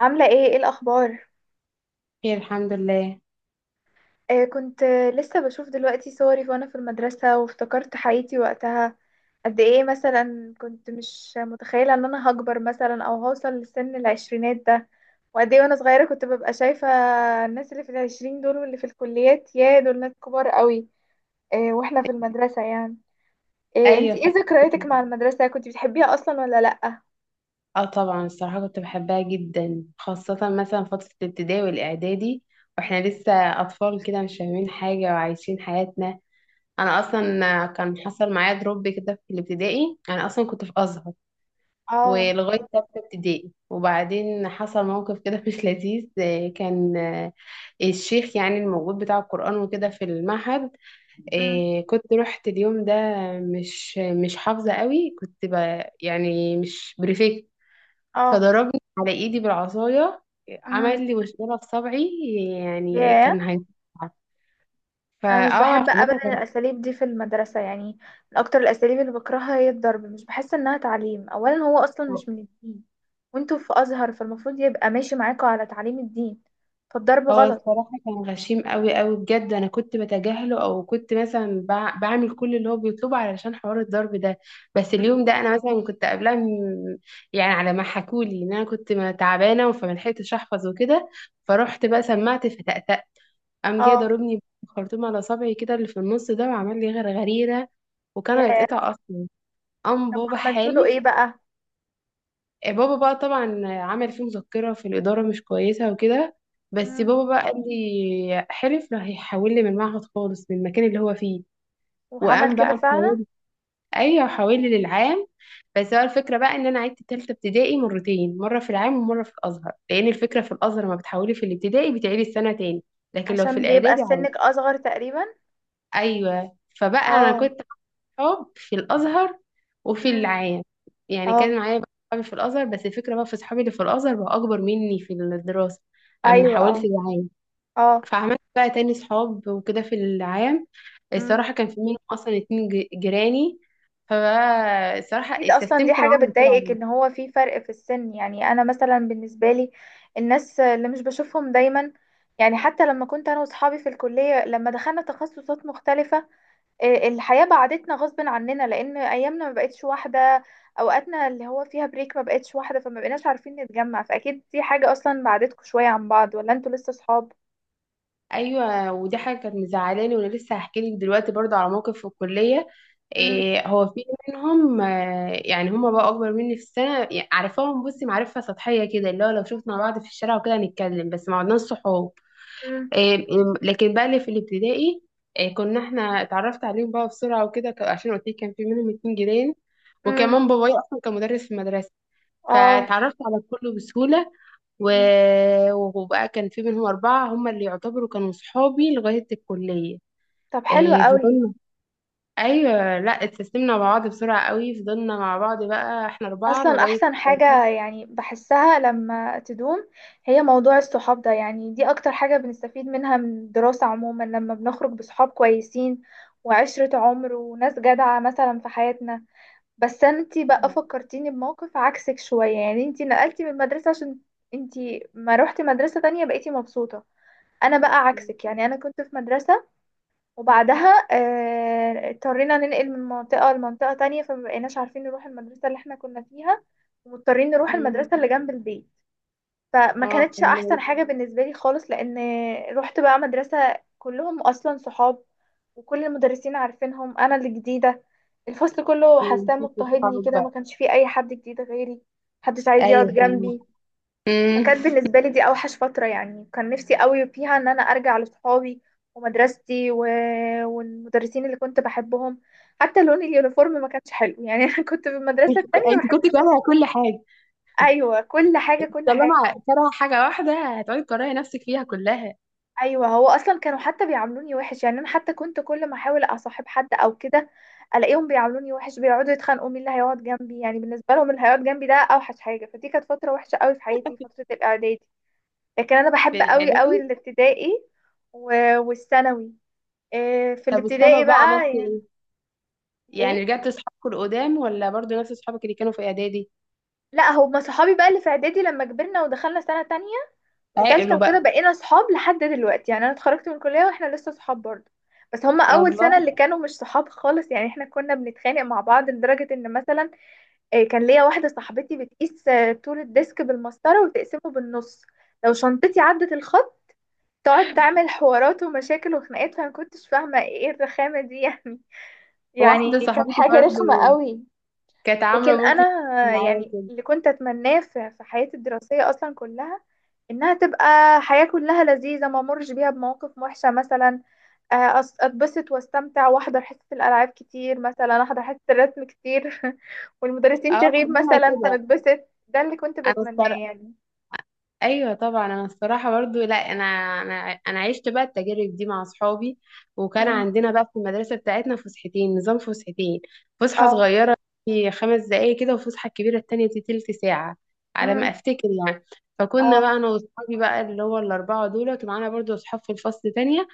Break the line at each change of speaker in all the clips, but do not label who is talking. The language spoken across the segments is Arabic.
عاملة ايه الأخبار؟
خير، الحمد لله.
آه، كنت لسه بشوف دلوقتي صوري وانا في المدرسة وافتكرت حياتي وقتها. قد ايه مثلا كنت مش متخيلة ان انا هكبر مثلا او هوصل لسن العشرينات ده، وقد ايه وانا صغيرة كنت ببقى شايفة الناس اللي في العشرين دول، واللي في الكليات يا دول ناس كبار قوي. آه، واحنا في المدرسة يعني. آه،
ايوه،
انتي ايه ذكرياتك
فاكرة.
مع المدرسة؟ كنت بتحبيها اصلا ولا لأ؟
اه، طبعا الصراحه كنت بحبها جدا، خاصه مثلا فتره الابتدائي والاعدادي، واحنا لسه اطفال كده مش فاهمين حاجه وعايشين حياتنا. انا اصلا كان حصل معايا دروب كده في الابتدائي، انا اصلا كنت في ازهر
اه.
ولغايه تالتة ابتدائي، وبعدين حصل موقف كده مش لذيذ، آه، كان آه، الشيخ يعني الموجود بتاع القران وكده في المعهد.
امم.
كنت رحت اليوم ده، مش حافظة قوي، كنت يعني مش بريفكت،
اه.
فضربني على ايدي بالعصاية،
امم.
عمل لي مشكلة في صبعي، يعني
ياه.
كان هيتقطع.
انا
فاه
مش
عمل
بحب ابدا
لي
الاساليب دي في المدرسه يعني، من اكتر الاساليب اللي بكرهها هي الضرب، مش بحس انها تعليم، اولا هو اصلا
جراحة.
مش من الدين، وانتوا في ازهر فالمفروض يبقى ماشي معاكوا على تعليم الدين، فالضرب
هو
غلط.
الصراحة كان غشيم قوي قوي بجد، أنا كنت بتجاهله أو كنت مثلا بعمل كل اللي هو بيطلبه علشان حوار الضرب ده. بس
مم.
اليوم ده أنا مثلا كنت قبلها يعني على ما حكولي إن أنا كنت تعبانة، فما لحقتش أحفظ وكده، فرحت بقى سمعت فتأتأ، قام جه
اه.
ضربني بخرطوم على صبعي كده اللي في النص ده، وعمل لي غرغريرة، وكان
يا.
هيتقطع أصلا. قام
طب
بابا
وعملتوا له ايه
حالي.
بقى؟
بابا بقى طبعا عمل فيه مذكرة في الإدارة مش كويسة وكده، بس
مم.
بابا بقى قال لي، حلف لا هيحول لي من المعهد خالص من المكان اللي هو فيه.
وعمل
وقام
كده
بقى
فعلا؟
محول. أيوه، حول لي للعام. بس هو الفكرة بقى إن أنا عدت تالتة ابتدائي مرتين، مرة في العام ومرة في الأزهر، لأن الفكرة في الأزهر لما بتحولي في الابتدائي بتعيدي السنة تاني، لكن لو في
عشان بيبقى
الإعدادي
سنك
عادي.
اصغر تقريبا.
أيوه، فبقى أنا
اه.
كنت صحاب في الازهر وفي
مم.
العام. يعني
اه.
كان معايا بقى صحابي في الازهر، بس الفكره بقى في صحابي اللي في الازهر بقى اكبر مني في الدراسه اما
ايوه. اه.
حاولت العام.
اه.
فعملت بقى تاني صحاب وكده في العام.
مم.
الصراحه كان في منهم اصلا اتنين جيراني، فبقى الصراحه
اكيد، اصلا دي
استسلمت
حاجه
معاهم.
بتضايقك ان هو في فرق في السن، يعني انا مثلا بالنسبه لي، الناس اللي مش بشوفهم دايما، يعني حتى لما كنت انا واصحابي في الكليه لما دخلنا تخصصات مختلفه، آه، الحياه بعدتنا غصب عننا لان ايامنا ما بقتش واحده، اوقاتنا اللي هو فيها بريك ما بقتش واحده فما بقيناش عارفين نتجمع، فاكيد دي حاجه اصلا بعدتكم شويه عن بعض، ولا انتوا لسه صحاب؟
ايوه، ودي حاجه كانت مزعلاني، وانا لسه هحكي لك دلوقتي برضو على موقف في الكليه.
امم.
هو في منهم، يعني هما بقى اكبر مني في السنه، يعني عارفاهم بصي معرفه سطحيه كده، اللي هو لو شفنا بعض في الشارع وكده هنتكلم، بس ما عدناش صحاب. إيه لكن بقى اللي في الابتدائي، كنا احنا اتعرفت عليهم بقى بسرعه وكده، عشان قلت لك كان في منهم اتنين جيران،
امم.
وكمان بابايا اصلا كان مدرس في المدرسه،
اه.
فاتعرفت على الكل بسهوله. و...
مم.
وبقى كان في منهم أربعة هم اللي يعتبروا كانوا صحابي لغاية الكلية.
طب حلو قوي.
فضلنا، أيوة لا، اتسلمنا مع بعض بسرعة قوي، فضلنا مع بعض بقى احنا أربعة
اصلا
لغاية.
احسن حاجة يعني بحسها لما تدوم، هي موضوع الصحاب ده، يعني دي اكتر حاجة بنستفيد منها من الدراسة عموما، لما بنخرج بصحاب كويسين وعشرة عمر وناس جدعة مثلا في حياتنا. بس انتي بقى فكرتيني بموقف عكسك شوية، يعني انتي نقلتي من المدرسة عشان انتي ما روحتي مدرسة تانية بقيتي مبسوطة. انا بقى عكسك، يعني انا كنت في مدرسة وبعدها اضطرينا ننقل من منطقة لمنطقة تانية، فمبقيناش عارفين نروح المدرسة اللي احنا كنا فيها، ومضطرين نروح
مم.
المدرسة اللي جنب البيت. فما
اه،
كانتش أحسن
فهمت.
حاجة بالنسبة لي خالص، لأن رحت بقى مدرسة كلهم أصلا صحاب، وكل المدرسين عارفينهم، أنا اللي جديدة، الفصل كله حاساه
نسيت
مضطهدني
اصحابك
كده، ما
بقى.
كانش فيه أي حد جديد غيري، محدش عايز يقعد
ايوه، فهمت.
جنبي.
مم.
فكانت بالنسبة لي دي أوحش فترة، يعني كان نفسي قوي فيها إن أنا أرجع لصحابي ومدرستي والمدرسين اللي كنت بحبهم. حتى لون اليونيفورم ما كانش حلو يعني، أنا كنت في المدرسة التانية
انت
بحب.
كنت كارهة كل حاجة.
أيوة، كل حاجة، كل حاجة.
طالما كارهة حاجة واحدة هتقعدي تكرهي نفسك فيها كلها
أيوة، هو أصلا كانوا حتى بيعاملوني وحش، يعني أنا حتى كنت كل ما أحاول أصاحب حد أو كده ألاقيهم بيعاملوني وحش، بيقعدوا يتخانقوا مين اللي هيقعد جنبي، يعني بالنسبة لهم اللي هيقعد جنبي ده أوحش حاجة، فدي كانت فترة وحشة قوي في حياتي، فترة الإعدادي. لكن انا بحب
في
قوي قوي
الإعدادي.
الابتدائي و- والثانوي. إيه، في
طب الثانوي
الابتدائي
بقى عملت
بقى يعني.
ايه؟ يعني
ايه.
رجعت لأصحابك القدام ولا برضو نفس أصحابك اللي كانوا في إعدادي؟
لا، هما صحابي بقى اللي في اعدادي لما كبرنا ودخلنا سنة تانية وتالتة
عاقلوا بقى.
وكده بقينا صحاب لحد دلوقتي، يعني انا اتخرجت من الكلية واحنا لسه صحاب برضه. بس هما اول
الله.
سنة اللي كانوا مش صحاب خالص، يعني احنا كنا بنتخانق مع بعض لدرجة ان مثلا، إيه، كان ليا واحدة صاحبتي بتقيس طول الديسك بالمسطرة وتقسمه بالنص، لو شنطتي عدت الخط تقعد تعمل حوارات ومشاكل وخناقات، فانا مكنتش فاهمة ايه الرخامة دي يعني، يعني
واحدة
كانت
صاحبتي
حاجة
برضو
رخمة قوي.
كانت عاملة
لكن
موقف
انا
معايا
يعني
كده.
اللي كنت اتمناه في حياتي الدراسية اصلا كلها انها تبقى حياة كلها لذيذة، ما امرش بيها بمواقف وحشة مثلا، اتبسط واستمتع واحضر حصة الالعاب كتير، مثلا احضر حصة الرسم كتير والمدرسين
اه،
تغيب
كلنا
مثلا
كده.
فنتبسط، ده اللي كنت
انا
بتمناه
الصراحة،
يعني.
ايوه طبعا، انا الصراحه برضو، لا، انا انا عشت بقى التجارب دي مع اصحابي، وكان
مم.
عندنا بقى في المدرسه بتاعتنا فسحتين، نظام فسحتين، فسحه
اه.
صغيره في 5 دقائق كده، وفسحه كبيره التانية دي تلت ساعه على ما
مم.
افتكر يعني. فكنا بقى
اه.
انا واصحابي بقى اللي هو الاربعه دول، ومعانا برضو اصحاب في الفصل تانية،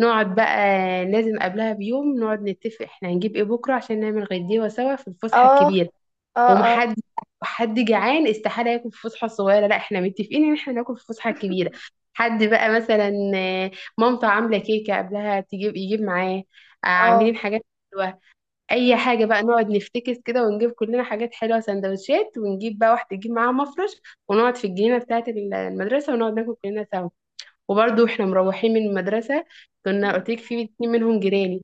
نقعد بقى. لازم قبلها بيوم نقعد نتفق احنا هنجيب ايه بكره عشان نعمل غديوه سوا في الفسحه
اه.
الكبيره.
اه. اه.
ومحد حد جعان استحاله ياكل في فسحه صغيره، لا احنا متفقين ان احنا ناكل في فسحه كبيره. حد بقى مثلا، مامته عامله كيكه قبلها تجيب، يجيب معاه.
اه.
عاملين حاجات حلوه، اي
مم.
حاجه بقى نقعد نفتكس كده، ونجيب كلنا حاجات حلوه سندوتشات، ونجيب بقى واحده تجيب معاها مفرش، ونقعد في الجنينه بتاعه المدرسه، ونقعد ناكل كلنا سوا. وبرضه احنا مروحين من المدرسه، كنا
مم.
قلت لك في اتنين منهم جيراني،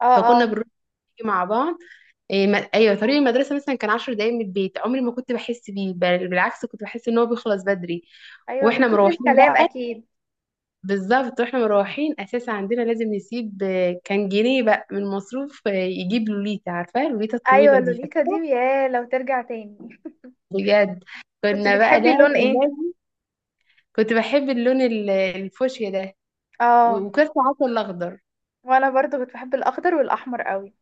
اه.
فكنا
اه.
بنروح نيجي مع بعض. إيه ما... ايوه، طريق المدرسه مثلا كان 10 دقايق من البيت، عمري ما كنت بحس بيه، بل بالعكس كنت بحس ان هو بيخلص بدري
ايوه، من
واحنا
كتر
مروحين
الكلام
بقى.
اكيد.
بالظبط واحنا مروحين، اساسا عندنا لازم نسيب، كان جنيه بقى من مصروف، يجيب لوليتا، عارفه لوليتا
ايوه،
الطويله دي،
لوليتا دي
فاكره
يا لو ترجع تاني.
بجد.
كنت
كنا بقى
بتحبي اللون
لازم
ايه؟
لازم كنت بحب اللون الفوشيا ده، و-
اه.
وكان ساعات الاخضر.
وانا برضو كنت بحب الاخضر والاحمر قوي.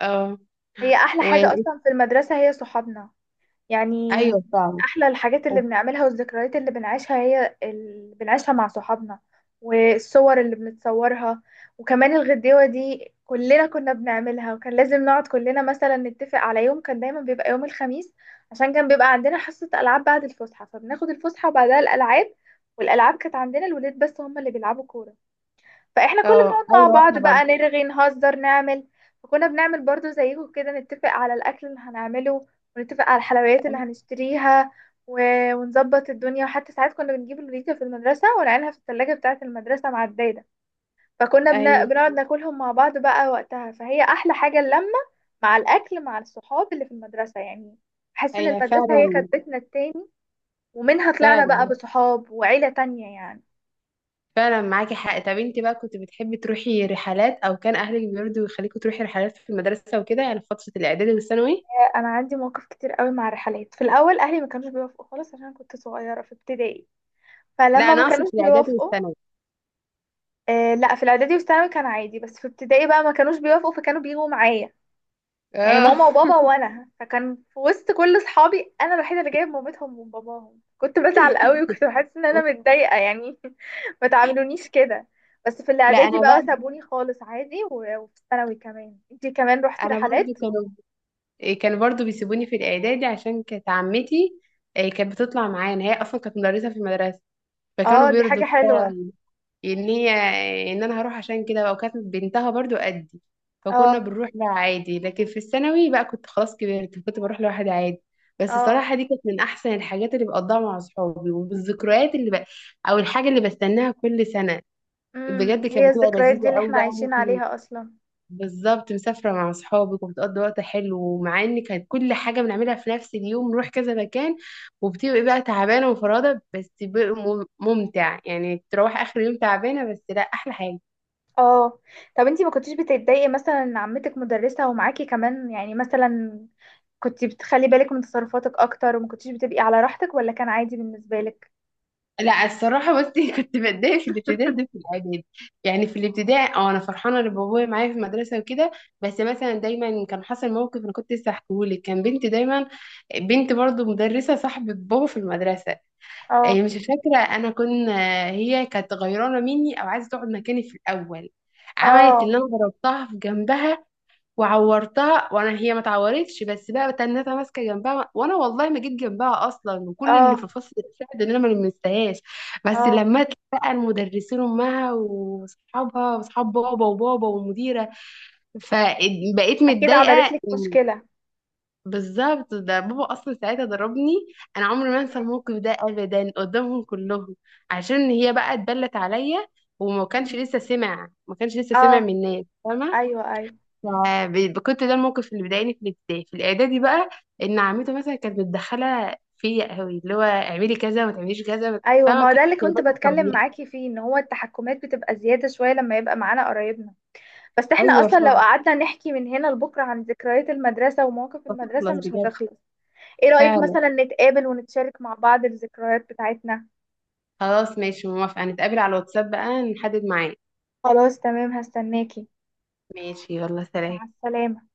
اه،
هي احلى
و...
حاجه اصلا في المدرسه هي صحابنا يعني،
ايوه
من
فعلا.
احلى الحاجات اللي بنعملها والذكريات اللي بنعيشها هي اللي بنعيشها مع صحابنا والصور اللي بنتصورها. وكمان الغديوة دي كلنا كنا بنعملها، وكان لازم نقعد كلنا مثلا نتفق على يوم، كان دايما بيبقى يوم الخميس، عشان كان بيبقى عندنا حصة ألعاب بعد الفسحة، فبناخد الفسحة وبعدها الألعاب. والألعاب كانت عندنا الولاد بس هم اللي بيلعبوا كورة، فاحنا كل ما
اه
نقعد مع
ايوه،
بعض
واحنا برضه
بقى نرغي نهزر نعمل. فكنا بنعمل برضو زيكم كده، نتفق على الاكل اللي هنعمله، ونتفق على الحلويات اللي هنشتريها و... ونظبط الدنيا، وحتى ساعات كنا بنجيب الوليدة في المدرسة ونعينها في الثلاجة بتاعة المدرسة مع الدايدة، فكنا
ايوه،
بنقعد ناكلهم مع بعض بقى وقتها، فهي أحلى حاجة اللمة مع الأكل مع الصحاب اللي في المدرسة يعني. بحس إن
ايوه
المدرسة هي كانت
فعلا،
بيتنا التاني، ومنها طلعنا بقى
فعلا،
بصحاب وعيلة تانية يعني.
فعلا معاكي حق. طب انت بقى كنت بتحبي تروحي رحلات او كان اهلك بيرضوا يخليكوا تروحي رحلات في المدرسه وكده، يعني في فتره الاعدادي والثانوي؟
انا عندي مواقف كتير قوي مع الرحلات، في الاول اهلي ما كانوش بيوافقوا خالص عشان كنت صغيره في ابتدائي،
لا،
فلما
انا
ما
اقصد
كانوش
في الاعدادي
بيوافقوا،
والثانوي.
آه لا، في الاعدادي والثانوي كان عادي، بس في ابتدائي بقى ما كانوش بيوافقوا فكانوا بيجوا معايا، يعني
اه
ماما وبابا وانا، فكان في وسط كل اصحابي انا الوحيده اللي جايب مامتهم وباباهم، كنت بزعل قوي وكنت بحس ان انا متضايقه يعني، ما تعاملونيش كده. بس في
لا،
الاعدادي
انا بقى
بقى سابوني خالص عادي، و- وفي الثانوي كمان، انتي كمان روحتي
انا برضو
رحلات؟
كانوا، كانوا برضو بيسيبوني في الاعدادي عشان كانت عمتي، كانت بتطلع معانا، هي اصلا كانت مدرسه في المدرسه فكانوا
اه دي حاجه
بيرضوا
حلوه.
ان هي، ان انا هروح. عشان كده بقى، وكانت بنتها برضو قدي، فكنا
اه.
بنروح بقى عادي. لكن في الثانوي بقى كنت خلاص كبرت كنت بروح لوحدي عادي. بس
اه.
الصراحة دي كانت من أحسن الحاجات اللي بقضيها مع صحابي، والذكريات اللي بقى أو الحاجة اللي بستناها كل سنة.
امم،
بجد كانت
هي
بتبقى
الذكريات دي
لذيذة
اللي
أوي
احنا
بقى.
عايشين عليها اصلا.
بالظبط، مسافرة مع أصحابك وبتقضي وقت حلو، ومع إن كانت كل حاجة بنعملها في نفس اليوم نروح كذا مكان، وبتبقي بقى تعبانة ومفرهدة، بس بيبقى ممتع، يعني تروح آخر يوم تعبانة، بس لا أحلى حاجة.
اه. طب انتي ما كنتيش بتتضايقي مثلا ان عمتك مدرسة ومعاكي كمان، يعني مثلا كنتي بتخلي بالك من تصرفاتك اكتر وما كنتيش بتبقي على راحتك، ولا كان عادي بالنسبة لك؟
لا الصراحة بصي كنت بتضايق في الابتدائي ده في الإعدادي. يعني في الابتدائي اه أنا فرحانة إن بابايا معايا في المدرسة وكده، بس مثلا دايما كان حصل موقف أنا كنت لسه هحكيهولك. كان بنت دايما بنت برضو مدرسة صاحبة بابا في المدرسة،
اه.
مش فاكرة أنا هي كانت غيرانة مني أو عايزة تقعد مكاني. في الأول عملت
اه.
اللي أنا ضربتها في جنبها وعورتها، وأنا هي ما اتعورتش. بس بقى تنتها ماسكة جنبها، وأنا والله ما جيت جنبها أصلا، وكل اللي
اه.
في فصل ساعد إن أنا ما لمستهاش. بس
اه.
لما بقى المدرسين أمها وأصحابها وأصحاب بابا وبابا والمديرة، فبقيت
اكيد عملت
متضايقة.
لك مشكلة.
بالظبط، ده بابا اصلا ساعتها ضربني. انا عمري ما انسى الموقف ده ابدا قدامهم كلهم عشان هي بقى اتبلت عليا، وما كانش
مم.
لسه سمع ما كانش لسه سمع
اه.
من الناس فاهمه.
ايوه، ايوه،
كنت ده الموقف اللي بيضايقني في الابتدائي. في الاعدادي بقى ان عمته مثلا كانت متدخله فيا قوي، اللي هو اعملي كذا ما تعمليش كذا،
ايوه،
فاهمه،
ما
ما
هو
كانتش
ده اللي كنت
سايباني
بتكلم
بحريتي.
معاكي فيه، ان هو التحكمات بتبقى زيادة شوية لما يبقى معانا قرايبنا. بس احنا
ايوه
اصلا لو
فعلا.
قعدنا نحكي من هنا لبكره عن ذكريات المدرسه ومواقف المدرسه
تخلص
مش
بجد
هتخلص. ايه رايك
فعلا.
مثلا نتقابل ونتشارك مع بعض الذكريات بتاعتنا؟
خلاص ماشي، موافقه، نتقابل على الواتساب بقى نحدد ميعاد.
خلاص تمام، هستناكي.
ماشي، يلا سلام.
مع السلامه.